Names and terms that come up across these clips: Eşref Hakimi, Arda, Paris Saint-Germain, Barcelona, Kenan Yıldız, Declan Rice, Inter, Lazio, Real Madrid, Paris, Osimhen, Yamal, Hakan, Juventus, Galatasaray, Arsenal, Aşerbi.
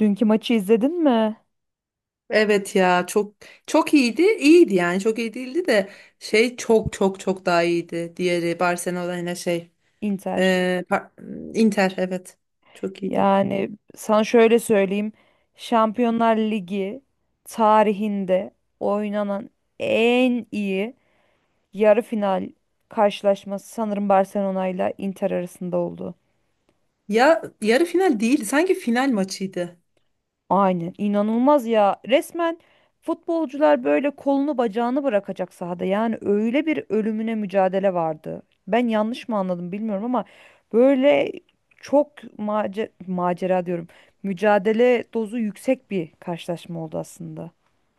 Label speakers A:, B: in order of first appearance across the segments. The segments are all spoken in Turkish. A: Dünkü maçı izledin mi?
B: Evet ya çok çok iyiydi. İyiydi yani çok iyi değildi de çok çok çok daha iyiydi. Diğeri Barcelona yine
A: Inter.
B: e, par- Inter, evet, çok iyiydi.
A: Yani sana şöyle söyleyeyim. Şampiyonlar Ligi tarihinde oynanan en iyi yarı final karşılaşması sanırım Barcelona ile Inter arasında oldu.
B: Ya yarı final değildi, sanki final maçıydı.
A: Aynen inanılmaz ya. Resmen futbolcular böyle kolunu bacağını bırakacak sahada. Yani öyle bir ölümüne mücadele vardı. Ben yanlış mı anladım bilmiyorum ama böyle çok macera diyorum. Mücadele dozu yüksek bir karşılaşma oldu aslında.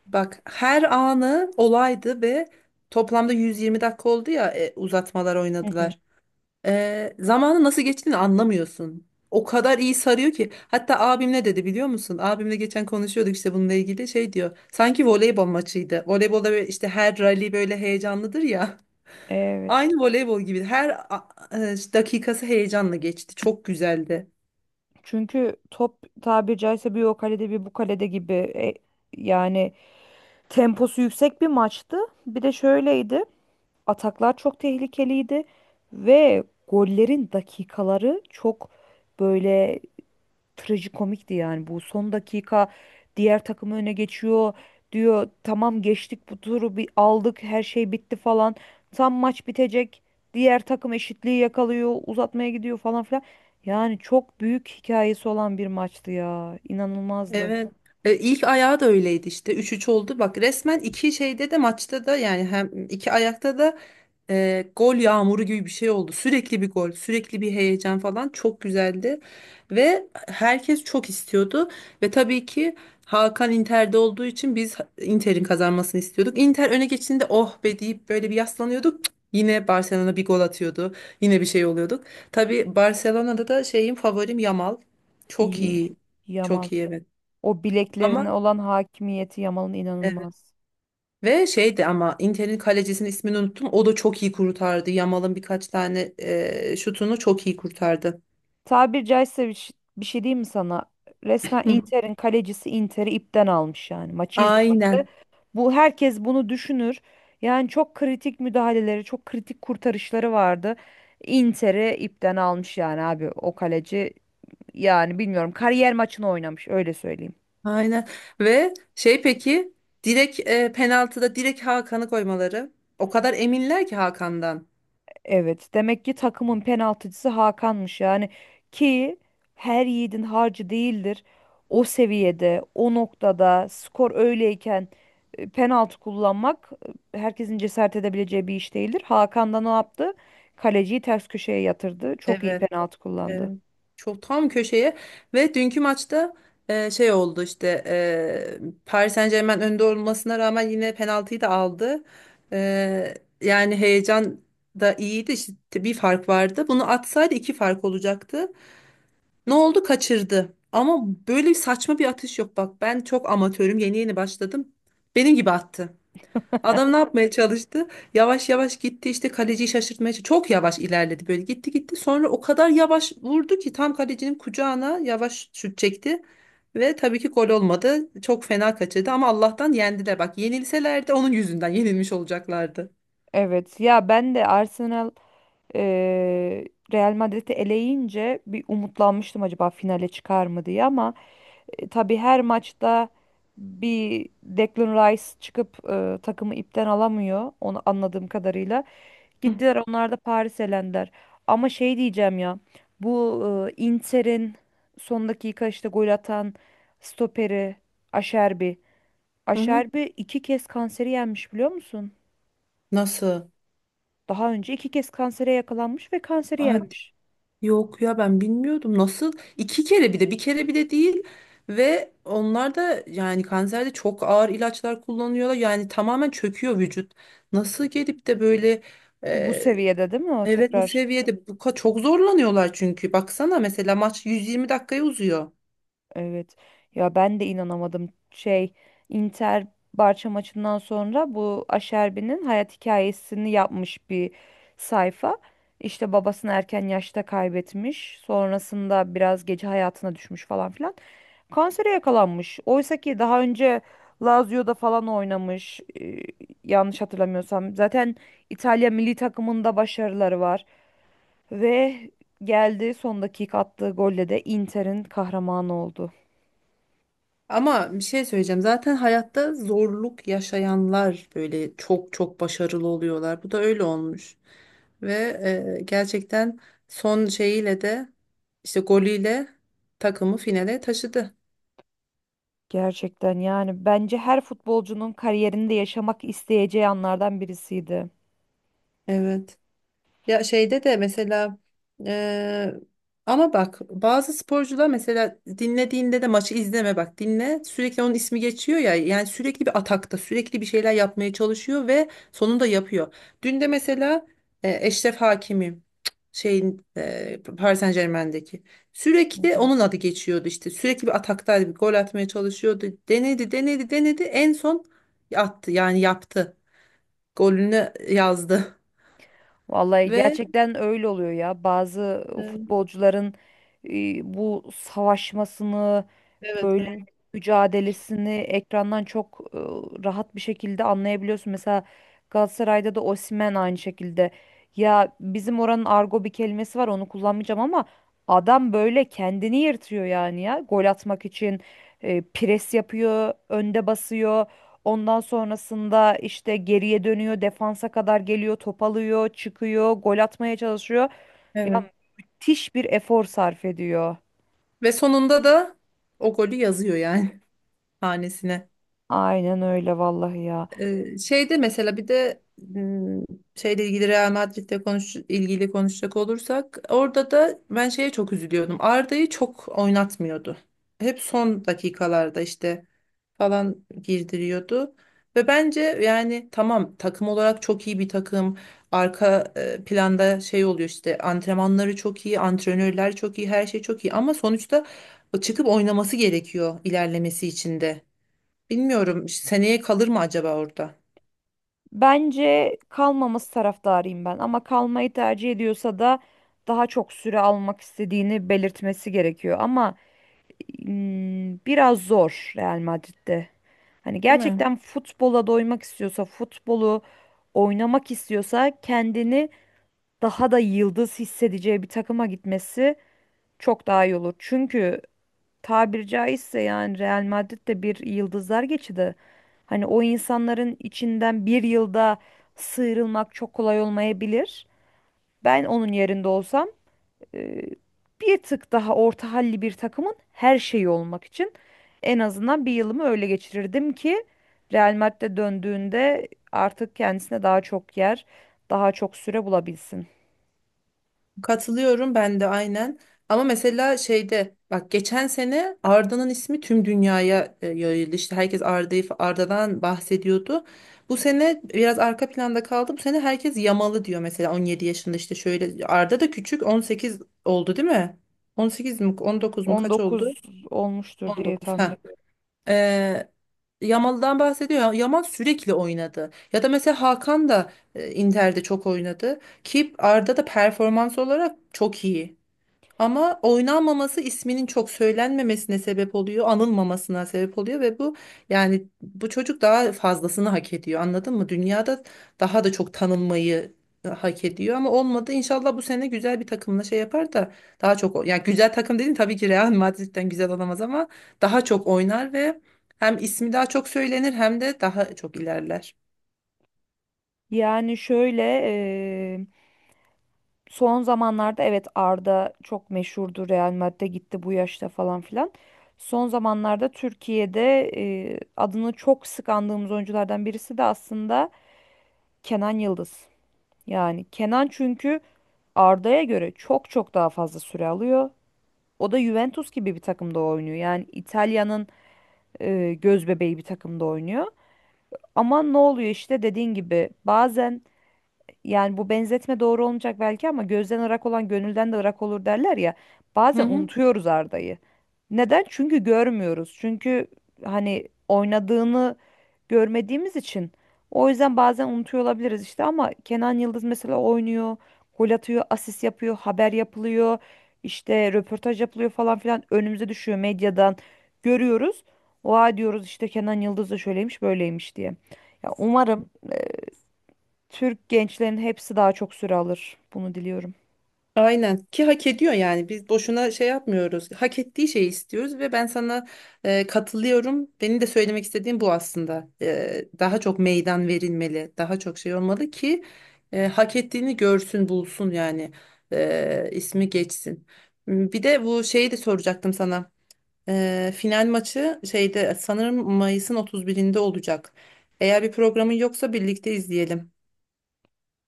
B: Bak her anı olaydı ve toplamda 120 dakika oldu ya, uzatmalar
A: Hı hı.
B: oynadılar. Zamanı nasıl geçtiğini anlamıyorsun. O kadar iyi sarıyor ki. Hatta abim ne dedi biliyor musun? Abimle geçen konuşuyorduk işte bununla ilgili, şey diyor, sanki voleybol maçıydı. Voleybolda böyle işte her rally böyle heyecanlıdır ya.
A: Evet.
B: Aynı voleybol gibi. İşte dakikası heyecanla geçti. Çok güzeldi.
A: Çünkü top tabiri caizse bir o kalede bir bu kalede gibi yani temposu yüksek bir maçtı. Bir de şöyleydi. Ataklar çok tehlikeliydi ve gollerin dakikaları çok böyle trajikomikti yani. Bu son dakika diğer takım öne geçiyor diyor tamam geçtik bu turu bir aldık her şey bitti falan. Tam maç bitecek diğer takım eşitliği yakalıyor uzatmaya gidiyor falan filan. Yani çok büyük hikayesi olan bir maçtı ya inanılmazdı.
B: Evet. İlk ayağı da öyleydi işte. Üç üç oldu. Bak resmen iki şeyde de maçta da, yani hem iki ayakta da gol yağmuru gibi bir şey oldu. Sürekli bir gol, sürekli bir heyecan falan, çok güzeldi. Ve herkes çok istiyordu. Ve tabii ki Hakan Inter'de olduğu için biz Inter'in kazanmasını istiyorduk. Inter öne geçtiğinde oh be deyip böyle bir yaslanıyorduk. Cık, yine Barcelona bir gol atıyordu. Yine bir şey oluyorduk. Tabii Barcelona'da da şeyim, favorim Yamal. Çok
A: İyi.
B: iyi.
A: Yamal
B: Çok iyi, evet.
A: o
B: Ama
A: bileklerine olan hakimiyeti Yamal'ın
B: evet.
A: inanılmaz.
B: Ve şeydi, ama Inter'in kalecisinin ismini unuttum. O da çok iyi kurtardı. Yamal'ın birkaç tane şutunu çok iyi kurtardı.
A: Tabir caizse bir, bir şey diyeyim mi sana? Resmen
B: Hı.
A: Inter'in kalecisi Inter'i ipten almış yani. Maçı izlediğinde
B: Aynen.
A: bu herkes bunu düşünür. Yani çok kritik müdahaleleri, çok kritik kurtarışları vardı. Inter'i ipten almış yani abi o kaleci. Yani bilmiyorum kariyer maçını oynamış öyle söyleyeyim.
B: Aynen. Ve şey, peki, direkt penaltıda direkt Hakan'ı koymaları. O kadar eminler ki Hakan'dan.
A: Evet, demek ki takımın penaltıcısı Hakan'mış yani ki her yiğidin harcı değildir. O seviyede, o noktada skor öyleyken penaltı kullanmak herkesin cesaret edebileceği bir iş değildir. Hakan da ne yaptı? Kaleciyi ters köşeye yatırdı. Çok iyi
B: Evet.
A: penaltı kullandı.
B: Evet. Çok tam köşeye, ve dünkü maçta oldu işte, Paris Saint-Germain önde olmasına rağmen yine penaltıyı da aldı. E, Yani heyecan da iyiydi işte, bir fark vardı. Bunu atsaydı iki fark olacaktı. Ne oldu? Kaçırdı. Ama böyle saçma bir atış yok, bak ben çok amatörüm, yeni yeni başladım. Benim gibi attı. Adam ne yapmaya çalıştı? Yavaş yavaş gitti işte, kaleciyi şaşırtmaya çalıştı. Çok yavaş ilerledi, böyle gitti gitti. Sonra o kadar yavaş vurdu ki tam kalecinin kucağına yavaş şut çekti. Ve tabii ki gol olmadı. Çok fena kaçırdı ama Allah'tan yendiler. Bak yenilselerdi onun yüzünden yenilmiş olacaklardı.
A: Evet, ya ben de Arsenal e, Real Madrid'i eleyince bir umutlanmıştım acaba finale çıkar mı diye ama tabii her maçta bir Declan Rice çıkıp takımı ipten alamıyor. Onu anladığım kadarıyla.
B: Hı
A: Gittiler onlar da Paris elendiler. Ama şey diyeceğim ya. Bu Inter'in son dakika işte gol atan stoperi Aşerbi.
B: hı.
A: Aşerbi iki kez kanseri yenmiş biliyor musun?
B: Nasıl?
A: Daha önce iki kez kansere yakalanmış ve kanseri yenmiş.
B: Yok ya, ben bilmiyordum, nasıl iki kere, bir de bir kere bile değil, ve onlar da yani kanserde çok ağır ilaçlar kullanıyorlar, yani tamamen çöküyor vücut. Nasıl gelip de böyle
A: Bu
B: e,
A: seviyede değil mi o
B: evet bu
A: tekrar?
B: seviyede çok zorlanıyorlar çünkü baksana mesela maç 120 dakikaya uzuyor.
A: Evet. Ya ben de inanamadım. Şey, Inter Barça maçından sonra bu Aşerbi'nin hayat hikayesini yapmış bir sayfa. İşte babasını erken yaşta kaybetmiş. Sonrasında biraz gece hayatına düşmüş falan filan. Kansere yakalanmış. Oysa ki daha önce Lazio'da falan oynamış. Yanlış hatırlamıyorsam. Zaten İtalya milli takımında başarıları var. Ve geldi son dakika attığı golle de Inter'in kahramanı oldu.
B: Ama bir şey söyleyeceğim. Zaten hayatta zorluk yaşayanlar böyle çok çok başarılı oluyorlar. Bu da öyle olmuş. Ve gerçekten son şeyiyle de, işte golüyle takımı finale taşıdı.
A: Gerçekten yani bence her futbolcunun kariyerinde yaşamak isteyeceği anlardan birisiydi.
B: Evet. Ya şeyde de mesela, eee, ama bak bazı sporcular mesela dinlediğinde de maçı izleme, bak dinle, sürekli onun ismi geçiyor ya, yani sürekli bir atakta, sürekli bir şeyler yapmaya çalışıyor ve sonunda yapıyor. Dün de mesela Eşref Hakimi, Paris Saint-Germain'deki, sürekli onun adı geçiyordu işte, sürekli bir ataktaydı, bir gol atmaya çalışıyordu, denedi denedi denedi, en son attı, yani yaptı, golünü yazdı.
A: Vallahi
B: Ve
A: gerçekten öyle oluyor ya. Bazı
B: e,
A: futbolcuların bu savaşmasını,
B: evet
A: böyle
B: evet.
A: mücadelesini ekrandan çok rahat bir şekilde anlayabiliyorsun. Mesela Galatasaray'da da Osimhen aynı şekilde. Ya bizim oranın argo bir kelimesi var, onu kullanmayacağım ama adam böyle kendini yırtıyor yani ya. Gol atmak için pres yapıyor, önde basıyor. Ondan sonrasında işte geriye dönüyor, defansa kadar geliyor, top alıyor, çıkıyor, gol atmaya çalışıyor.
B: Evet.
A: Ya müthiş bir efor sarf ediyor.
B: Ve sonunda da o golü yazıyor yani, hanesine.
A: Aynen öyle vallahi ya.
B: Şeyde mesela, bir de şeyle ilgili, Real Madrid'le ilgili konuşacak olursak, orada da ben şeye çok üzülüyordum. Arda'yı çok oynatmıyordu. Hep son dakikalarda işte falan girdiriyordu. Ve bence yani tamam, takım olarak çok iyi bir takım. Arka planda şey oluyor işte, antrenmanları çok iyi, antrenörler çok iyi, her şey çok iyi ama sonuçta çıkıp oynaması gerekiyor ilerlemesi için de. Bilmiyorum, seneye kalır mı acaba orada?
A: Bence kalmaması taraftarıyım ben ama kalmayı tercih ediyorsa da daha çok süre almak istediğini belirtmesi gerekiyor ama biraz zor Real Madrid'de. Hani
B: Değil mi?
A: gerçekten futbola doymak istiyorsa, futbolu oynamak istiyorsa kendini daha da yıldız hissedeceği bir takıma gitmesi çok daha iyi olur. Çünkü tabiri caizse yani Real Madrid de bir yıldızlar geçidi. Hani o insanların içinden bir yılda sıyrılmak çok kolay olmayabilir. Ben onun yerinde olsam e, bir tık daha orta halli bir takımın her şeyi olmak için en azından bir yılımı öyle geçirirdim ki Real Madrid'e döndüğünde artık kendisine daha çok yer, daha çok süre bulabilsin.
B: Katılıyorum, ben de aynen. Ama mesela şeyde bak, geçen sene Arda'nın ismi tüm dünyaya yayıldı. İşte herkes Arda'dan bahsediyordu. Bu sene biraz arka planda kaldı. Bu sene herkes Yamalı diyor mesela, 17 yaşında işte, şöyle Arda da küçük, 18 oldu değil mi? 18 mi 19 mu,
A: On
B: kaç oldu?
A: dokuz olmuştur diye
B: 19.
A: tahmin ediyorum.
B: Ee, Yamal'dan bahsediyor. Yamal sürekli oynadı. Ya da mesela Hakan da Inter'de çok oynadı. Ki Arda da performans olarak çok iyi. Ama oynanmaması isminin çok söylenmemesine sebep oluyor, anılmamasına sebep oluyor, ve bu, yani bu çocuk daha fazlasını hak ediyor. Anladın mı? Dünyada daha da çok tanınmayı hak ediyor ama olmadı. İnşallah bu sene güzel bir takımla şey yapar da daha çok yani güzel takım dedim, tabii ki Real Madrid'den güzel olamaz ama daha çok oynar ve hem ismi daha çok söylenir hem de daha çok ilerler.
A: Yani şöyle son zamanlarda evet Arda çok meşhurdu Real Madrid'e gitti bu yaşta falan filan. Son zamanlarda Türkiye'de adını çok sık andığımız oyunculardan birisi de aslında Kenan Yıldız. Yani Kenan çünkü Arda'ya göre çok çok daha fazla süre alıyor. O da Juventus gibi bir takımda oynuyor. Yani İtalya'nın göz bebeği bir takımda oynuyor. Ama ne oluyor işte dediğin gibi bazen yani bu benzetme doğru olmayacak belki ama gözden ırak olan gönülden de ırak olur derler ya.
B: Hı
A: Bazen
B: hı.
A: unutuyoruz Arda'yı. Neden? Çünkü görmüyoruz. Çünkü hani oynadığını görmediğimiz için. O yüzden bazen unutuyor olabiliriz işte ama Kenan Yıldız mesela oynuyor, gol atıyor, asist yapıyor, haber yapılıyor, işte röportaj yapılıyor falan filan önümüze düşüyor medyadan görüyoruz. Oha diyoruz işte Kenan Yıldız da şöyleymiş böyleymiş diye. Ya umarım Türk gençlerin hepsi daha çok süre alır. Bunu diliyorum.
B: Aynen, ki hak ediyor, yani biz boşuna şey yapmıyoruz, hak ettiği şeyi istiyoruz ve ben sana katılıyorum, benim de söylemek istediğim bu aslında. Daha çok meydan verilmeli, daha çok şey olmalı ki hak ettiğini görsün bulsun yani. İsmi geçsin. Bir de bu şeyi de soracaktım sana. Final maçı şeyde sanırım Mayıs'ın 31'inde olacak, eğer bir programın yoksa birlikte izleyelim.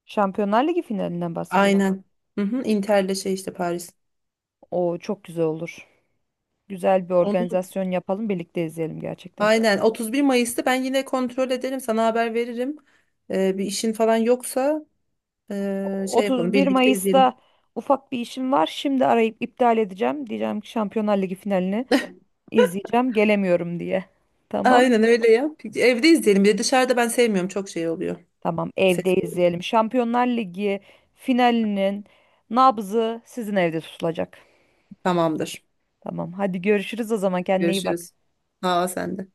A: Şampiyonlar Ligi finalinden bahsediyorsun.
B: Aynen. Hı hı, Inter'le şey, işte Paris.
A: O çok güzel olur. Güzel bir
B: Onu,
A: organizasyon yapalım, birlikte izleyelim gerçekten.
B: aynen, 31 Mayıs'ta ben yine kontrol ederim, sana haber veririm. Bir işin falan yoksa, şey yapalım,
A: 31
B: birlikte izleyelim.
A: Mayıs'ta ufak bir işim var. Şimdi arayıp iptal edeceğim. Diyeceğim ki Şampiyonlar Ligi finalini izleyeceğim, gelemiyorum diye. Tamam.
B: Aynen öyle yap. Evde izleyelim. Bir de dışarıda ben sevmiyorum, çok şey oluyor.
A: Tamam, evde
B: Ses oluyor.
A: izleyelim. Şampiyonlar Ligi finalinin nabzı sizin evde tutulacak.
B: Tamamdır.
A: Tamam, hadi görüşürüz o zaman. Kendine iyi bak.
B: Görüşürüz. Sağ ol sen de.